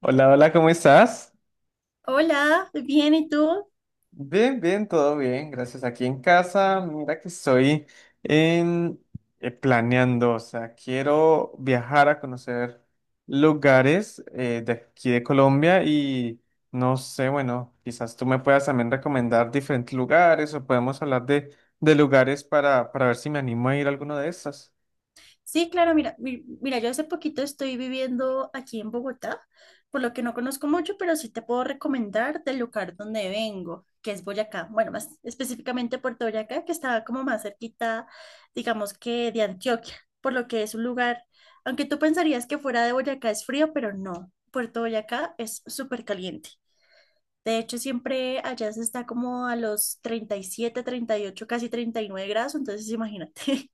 Hola, hola, ¿cómo estás? Hola, bien, ¿y tú? Bien, bien, todo bien, gracias. Aquí en casa, mira que estoy en, planeando, o sea, quiero viajar a conocer lugares de aquí de Colombia y no sé, bueno, quizás tú me puedas también recomendar diferentes lugares o podemos hablar de lugares para ver si me animo a ir a alguno de estos. Sí, claro, mira, mira, yo hace poquito estoy viviendo aquí en Bogotá, por lo que no conozco mucho, pero sí te puedo recomendar del lugar donde vengo, que es Boyacá, bueno, más específicamente Puerto Boyacá, que está como más cerquita, digamos que de Antioquia, por lo que es un lugar, aunque tú pensarías que fuera de Boyacá es frío, pero no, Puerto Boyacá es súper caliente. De hecho, siempre allá se está como a los 37, 38, casi 39 grados, entonces imagínate.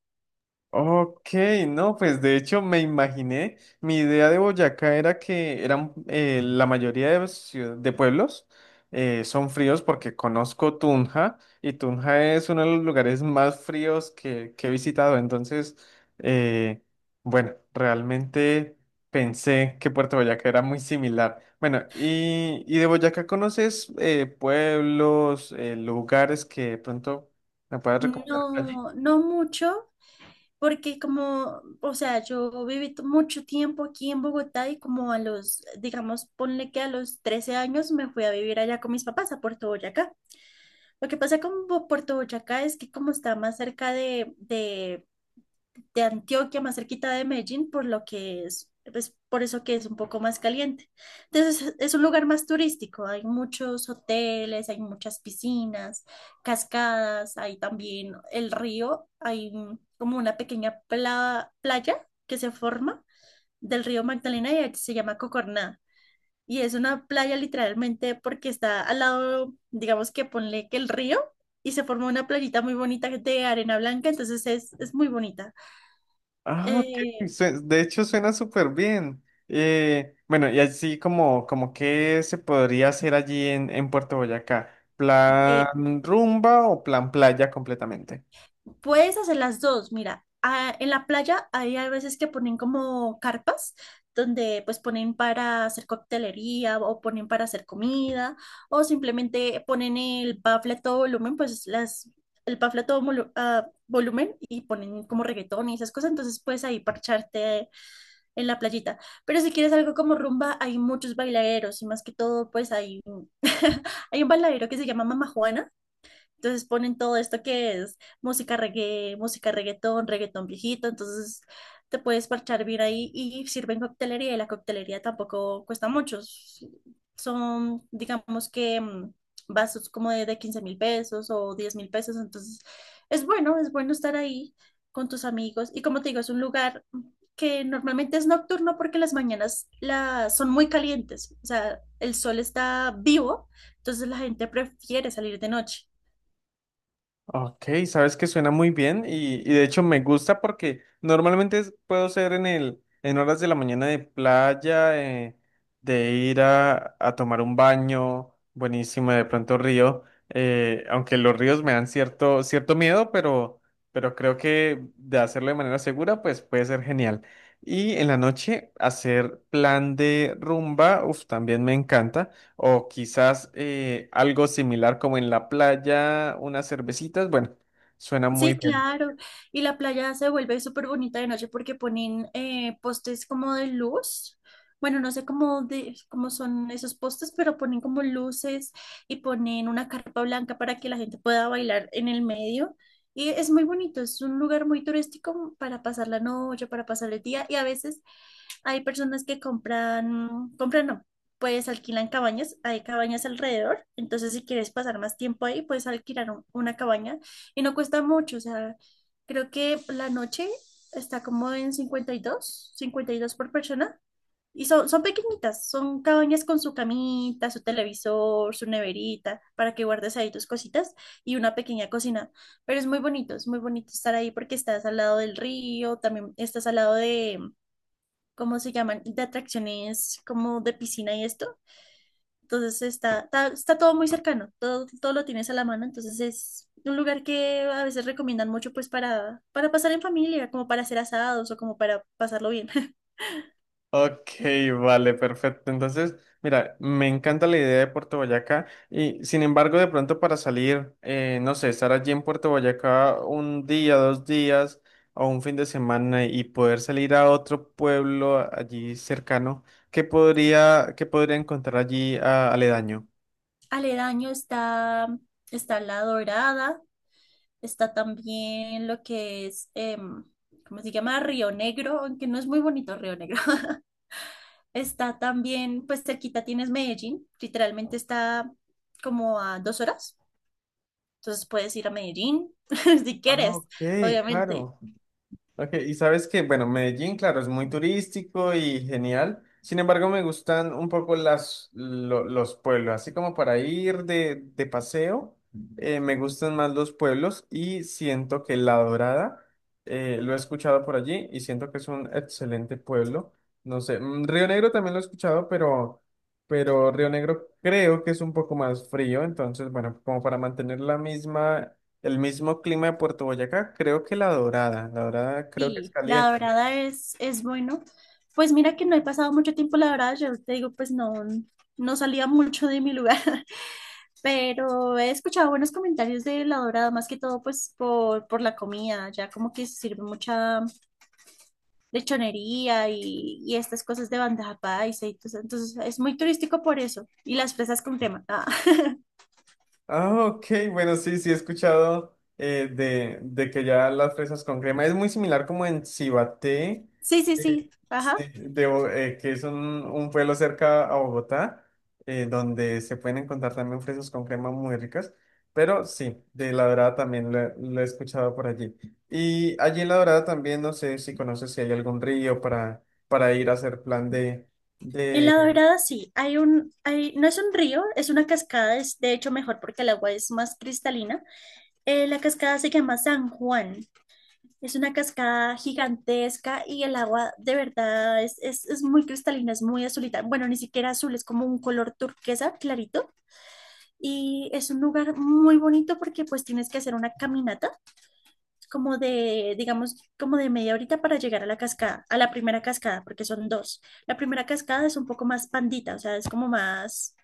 Ok, no, pues de hecho me imaginé, mi idea de Boyacá era que eran la mayoría de pueblos son fríos porque conozco Tunja y Tunja es uno de los lugares más fríos que he visitado, entonces, eh, bueno, realmente pensé que Puerto Boyacá era muy similar. Bueno, y de Boyacá conoces pueblos, lugares que de pronto me puedas recomendar por allí. No, no mucho, porque como, o sea, yo viví mucho tiempo aquí en Bogotá y como a los, digamos, ponle que a los 13 años me fui a vivir allá con mis papás a Puerto Boyacá. Lo que pasa con Puerto Boyacá es que como está más cerca de, Antioquia, más cerquita de Medellín, por lo que es, pues por eso que es un poco más caliente. Entonces es un lugar más turístico, hay muchos hoteles, hay muchas piscinas, cascadas, hay también el río, hay como una pequeña playa que se forma del río Magdalena y se llama Cocorná. Y es una playa literalmente porque está al lado, digamos que ponle que el río y se forma una playita muy bonita de arena blanca, entonces es muy bonita. Ah, ok, Eh, de hecho, suena súper bien. Bueno, y así como, como qué se podría hacer allí en Puerto Boyacá. de- ¿Plan rumba o plan playa completamente? puedes hacer las dos, mira, ah, en la playa hay a veces que ponen como carpas donde pues ponen para hacer coctelería o ponen para hacer comida o simplemente ponen el bafle a todo volumen, el bafle a todo a volumen y ponen como reggaetón y esas cosas, entonces puedes ahí parcharte en la playita. Pero si quieres algo como rumba, hay muchos bailaderos y más que todo pues hay, hay un bailadero que se llama Mama Juana. Entonces ponen todo esto que es música reggae, música reggaetón, reggaetón viejito, entonces te puedes parchar bien ahí y sirven coctelería y la coctelería tampoco cuesta mucho. Son, digamos que vasos como de, 15 mil pesos o 10.000 pesos, entonces es bueno estar ahí con tus amigos y como te digo, es un lugar que normalmente es nocturno porque las mañanas son muy calientes, o sea, el sol está vivo, entonces la gente prefiere salir de noche. Ok, sabes que suena muy bien y de hecho me gusta porque normalmente puedo ser en en horas de la mañana de playa, de ir a tomar un baño, buenísimo, de pronto río, aunque los ríos me dan cierto miedo, pero creo que de hacerlo de manera segura, pues puede ser genial. Y en la noche hacer plan de rumba, uff, también me encanta. O quizás algo similar como en la playa, unas cervecitas. Bueno, suena muy Sí, bien. claro. Y la playa se vuelve súper bonita de noche porque ponen postes como de luz. Bueno, no sé cómo, cómo son esos postes, pero ponen como luces y ponen una carpa blanca para que la gente pueda bailar en el medio. Y es muy bonito, es un lugar muy turístico para pasar la noche, para pasar el día. Y a veces hay personas que compran, compran no, pues alquilan cabañas, hay cabañas alrededor, entonces si quieres pasar más tiempo ahí, puedes alquilar una cabaña y no cuesta mucho, o sea, creo que la noche está como en cincuenta y dos por persona y son, pequeñitas, son cabañas con su camita, su televisor, su neverita, para que guardes ahí tus cositas y una pequeña cocina, pero es muy bonito estar ahí porque estás al lado del río, también estás al lado de ¿cómo se llaman? De atracciones como de piscina y esto. Entonces está todo muy cercano, todo lo tienes a la mano. Entonces es un lugar que a veces recomiendan mucho pues para, pasar en familia, como para hacer asados o como para pasarlo bien. Ok, vale, perfecto. Entonces, mira, me encanta la idea de Puerto Boyacá y sin embargo, de pronto para salir, no sé, estar allí en Puerto Boyacá un día, dos días o un fin de semana y poder salir a otro pueblo allí cercano, ¿qué podría encontrar allí aledaño? Aledaño está La Dorada, está también lo que es, ¿cómo se llama? Río Negro, aunque no es muy bonito Río Negro. Está también, pues cerquita tienes Medellín, literalmente está como a 2 horas. Entonces puedes ir a Medellín si Ah, quieres, ok, obviamente. claro. Ok, y sabes que, bueno, Medellín, claro, es muy turístico y genial. Sin embargo, me gustan un poco los pueblos, así como para ir de paseo, me gustan más los pueblos y siento que La Dorada, lo he escuchado por allí y siento que es un excelente pueblo. No sé, mm, Río Negro también lo he escuchado, pero Río Negro creo que es un poco más frío, entonces, bueno, como para mantener la misma el mismo clima de Puerto Boyacá, creo que La Dorada. La Dorada creo que es Y La caliente. Dorada es, bueno. Pues mira que no he pasado mucho tiempo en La Dorada, yo te digo, pues no, no salía mucho de mi lugar, pero he escuchado buenos comentarios de La Dorada, más que todo pues por la comida, ya como que se sirve mucha lechonería y estas cosas de bandeja paisa y todo eso. Entonces es muy turístico por eso. Y las fresas con crema. Ah, Ah, ok, bueno, sí, sí he escuchado de que ya las fresas con crema es muy similar como en Cibaté, Sí, sí, eh, sí. Ajá. Que es un pueblo cerca a Bogotá, donde se pueden encontrar también fresas con crema muy ricas. Pero sí, de La Dorada también lo he escuchado por allí. Y allí en La Dorada también, no sé si conoces si hay algún río para ir a hacer plan En La de Dorada sí, hay un, hay, no es un río, es una cascada, es de hecho mejor porque el agua es más cristalina. La cascada se llama San Juan, es una cascada gigantesca y el agua de verdad es, muy cristalina, es muy azulita. Bueno, ni siquiera azul, es como un color turquesa clarito y es un lugar muy bonito porque pues tienes que hacer una caminata como de, digamos, como de media horita para llegar a la cascada, a la primera cascada, porque son dos. La primera cascada es un poco más pandita, o sea, es como más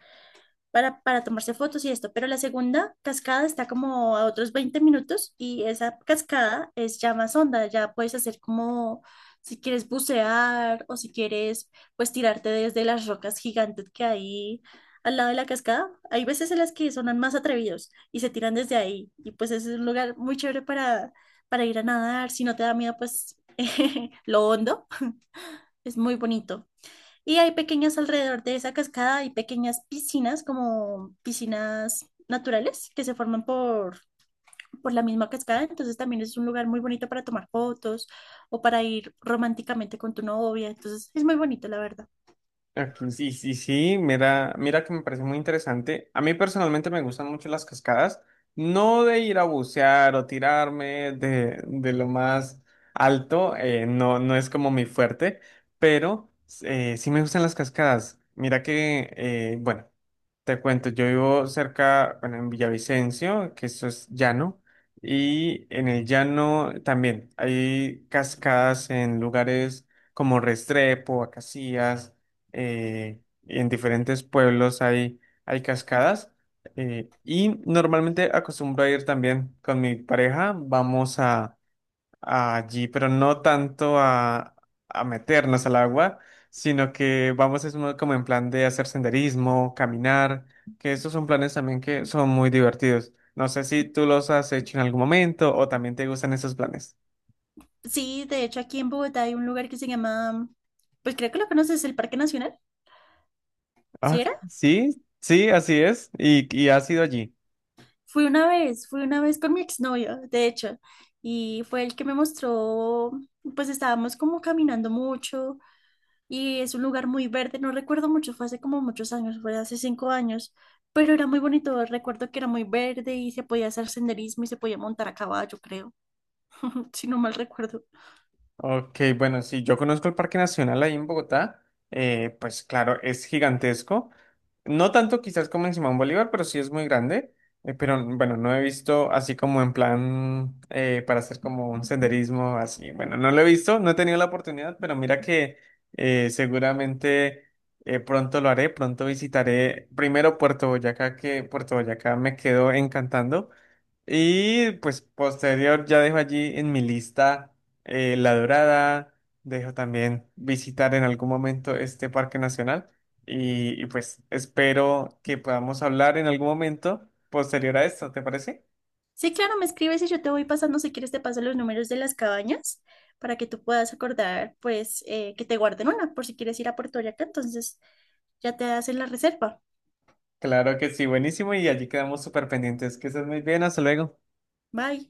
para tomarse fotos y esto, pero la segunda cascada está como a otros 20 minutos y esa cascada es ya más honda, ya puedes hacer como si quieres bucear o si quieres pues tirarte desde las rocas gigantes que hay al lado de la cascada. Hay veces en las que son más atrevidos y se tiran desde ahí y pues ese es un lugar muy chévere para, ir a nadar, si no te da miedo pues lo hondo, es muy bonito. Y hay pequeñas alrededor de esa cascada, hay pequeñas piscinas, como piscinas naturales que se forman por la misma cascada. Entonces también es un lugar muy bonito para tomar fotos o para ir románticamente con tu novia. Entonces es muy bonito, la verdad. aquí. Sí, sí, sí, mira, mira que me parece muy interesante. A mí personalmente me gustan mucho las cascadas, no de ir a bucear o tirarme de lo más alto, no, no es como mi fuerte, pero sí me gustan las cascadas. Mira que, bueno, te cuento, yo vivo cerca, bueno, en Villavicencio, que eso es llano, y en el llano también hay cascadas en lugares como Restrepo, Acacías, y en diferentes pueblos hay, hay cascadas, y normalmente acostumbro a ir también con mi pareja, vamos a, allí, pero no tanto a meternos al agua, sino que vamos como en plan de hacer senderismo, caminar, que esos son planes también que son muy divertidos. No sé si tú los has hecho en algún momento o también te gustan esos planes. Sí, de hecho aquí en Bogotá hay un lugar que se llama, pues creo que lo conoces, el Parque Nacional, Ah, ¿sí ok, era? sí, sí, así es. Y has ido allí. Fui una vez con mi exnovio, de hecho, y fue el que me mostró, pues estábamos como caminando mucho y es un lugar muy verde, no recuerdo mucho, fue hace como muchos años, fue hace 5 años, pero era muy bonito, recuerdo que era muy verde y se podía hacer senderismo y se podía montar a caballo, creo, si no mal recuerdo. Ok, bueno, sí, yo conozco el Parque Nacional ahí en Bogotá, pues claro, es gigantesco, no tanto quizás como en Simón Bolívar, pero sí es muy grande, pero bueno, no he visto así como en plan para hacer como un senderismo así, bueno, no lo he visto, no he tenido la oportunidad, pero mira que seguramente pronto lo haré, pronto visitaré primero Puerto Boyacá, que Puerto Boyacá me quedó encantando. Y pues posterior ya dejo allí en mi lista La Dorada, dejo también visitar en algún momento este parque nacional y, pues espero que podamos hablar en algún momento posterior a esto, ¿te parece? Sí, claro, me escribes y yo te voy pasando, si quieres te paso los números de las cabañas para que tú puedas acordar, pues, que te guarden una por si quieres ir a Puerto Vallarta, entonces ya te hacen la reserva. Claro que sí, buenísimo y allí quedamos súper pendientes. Que estés muy bien, hasta luego. Bye.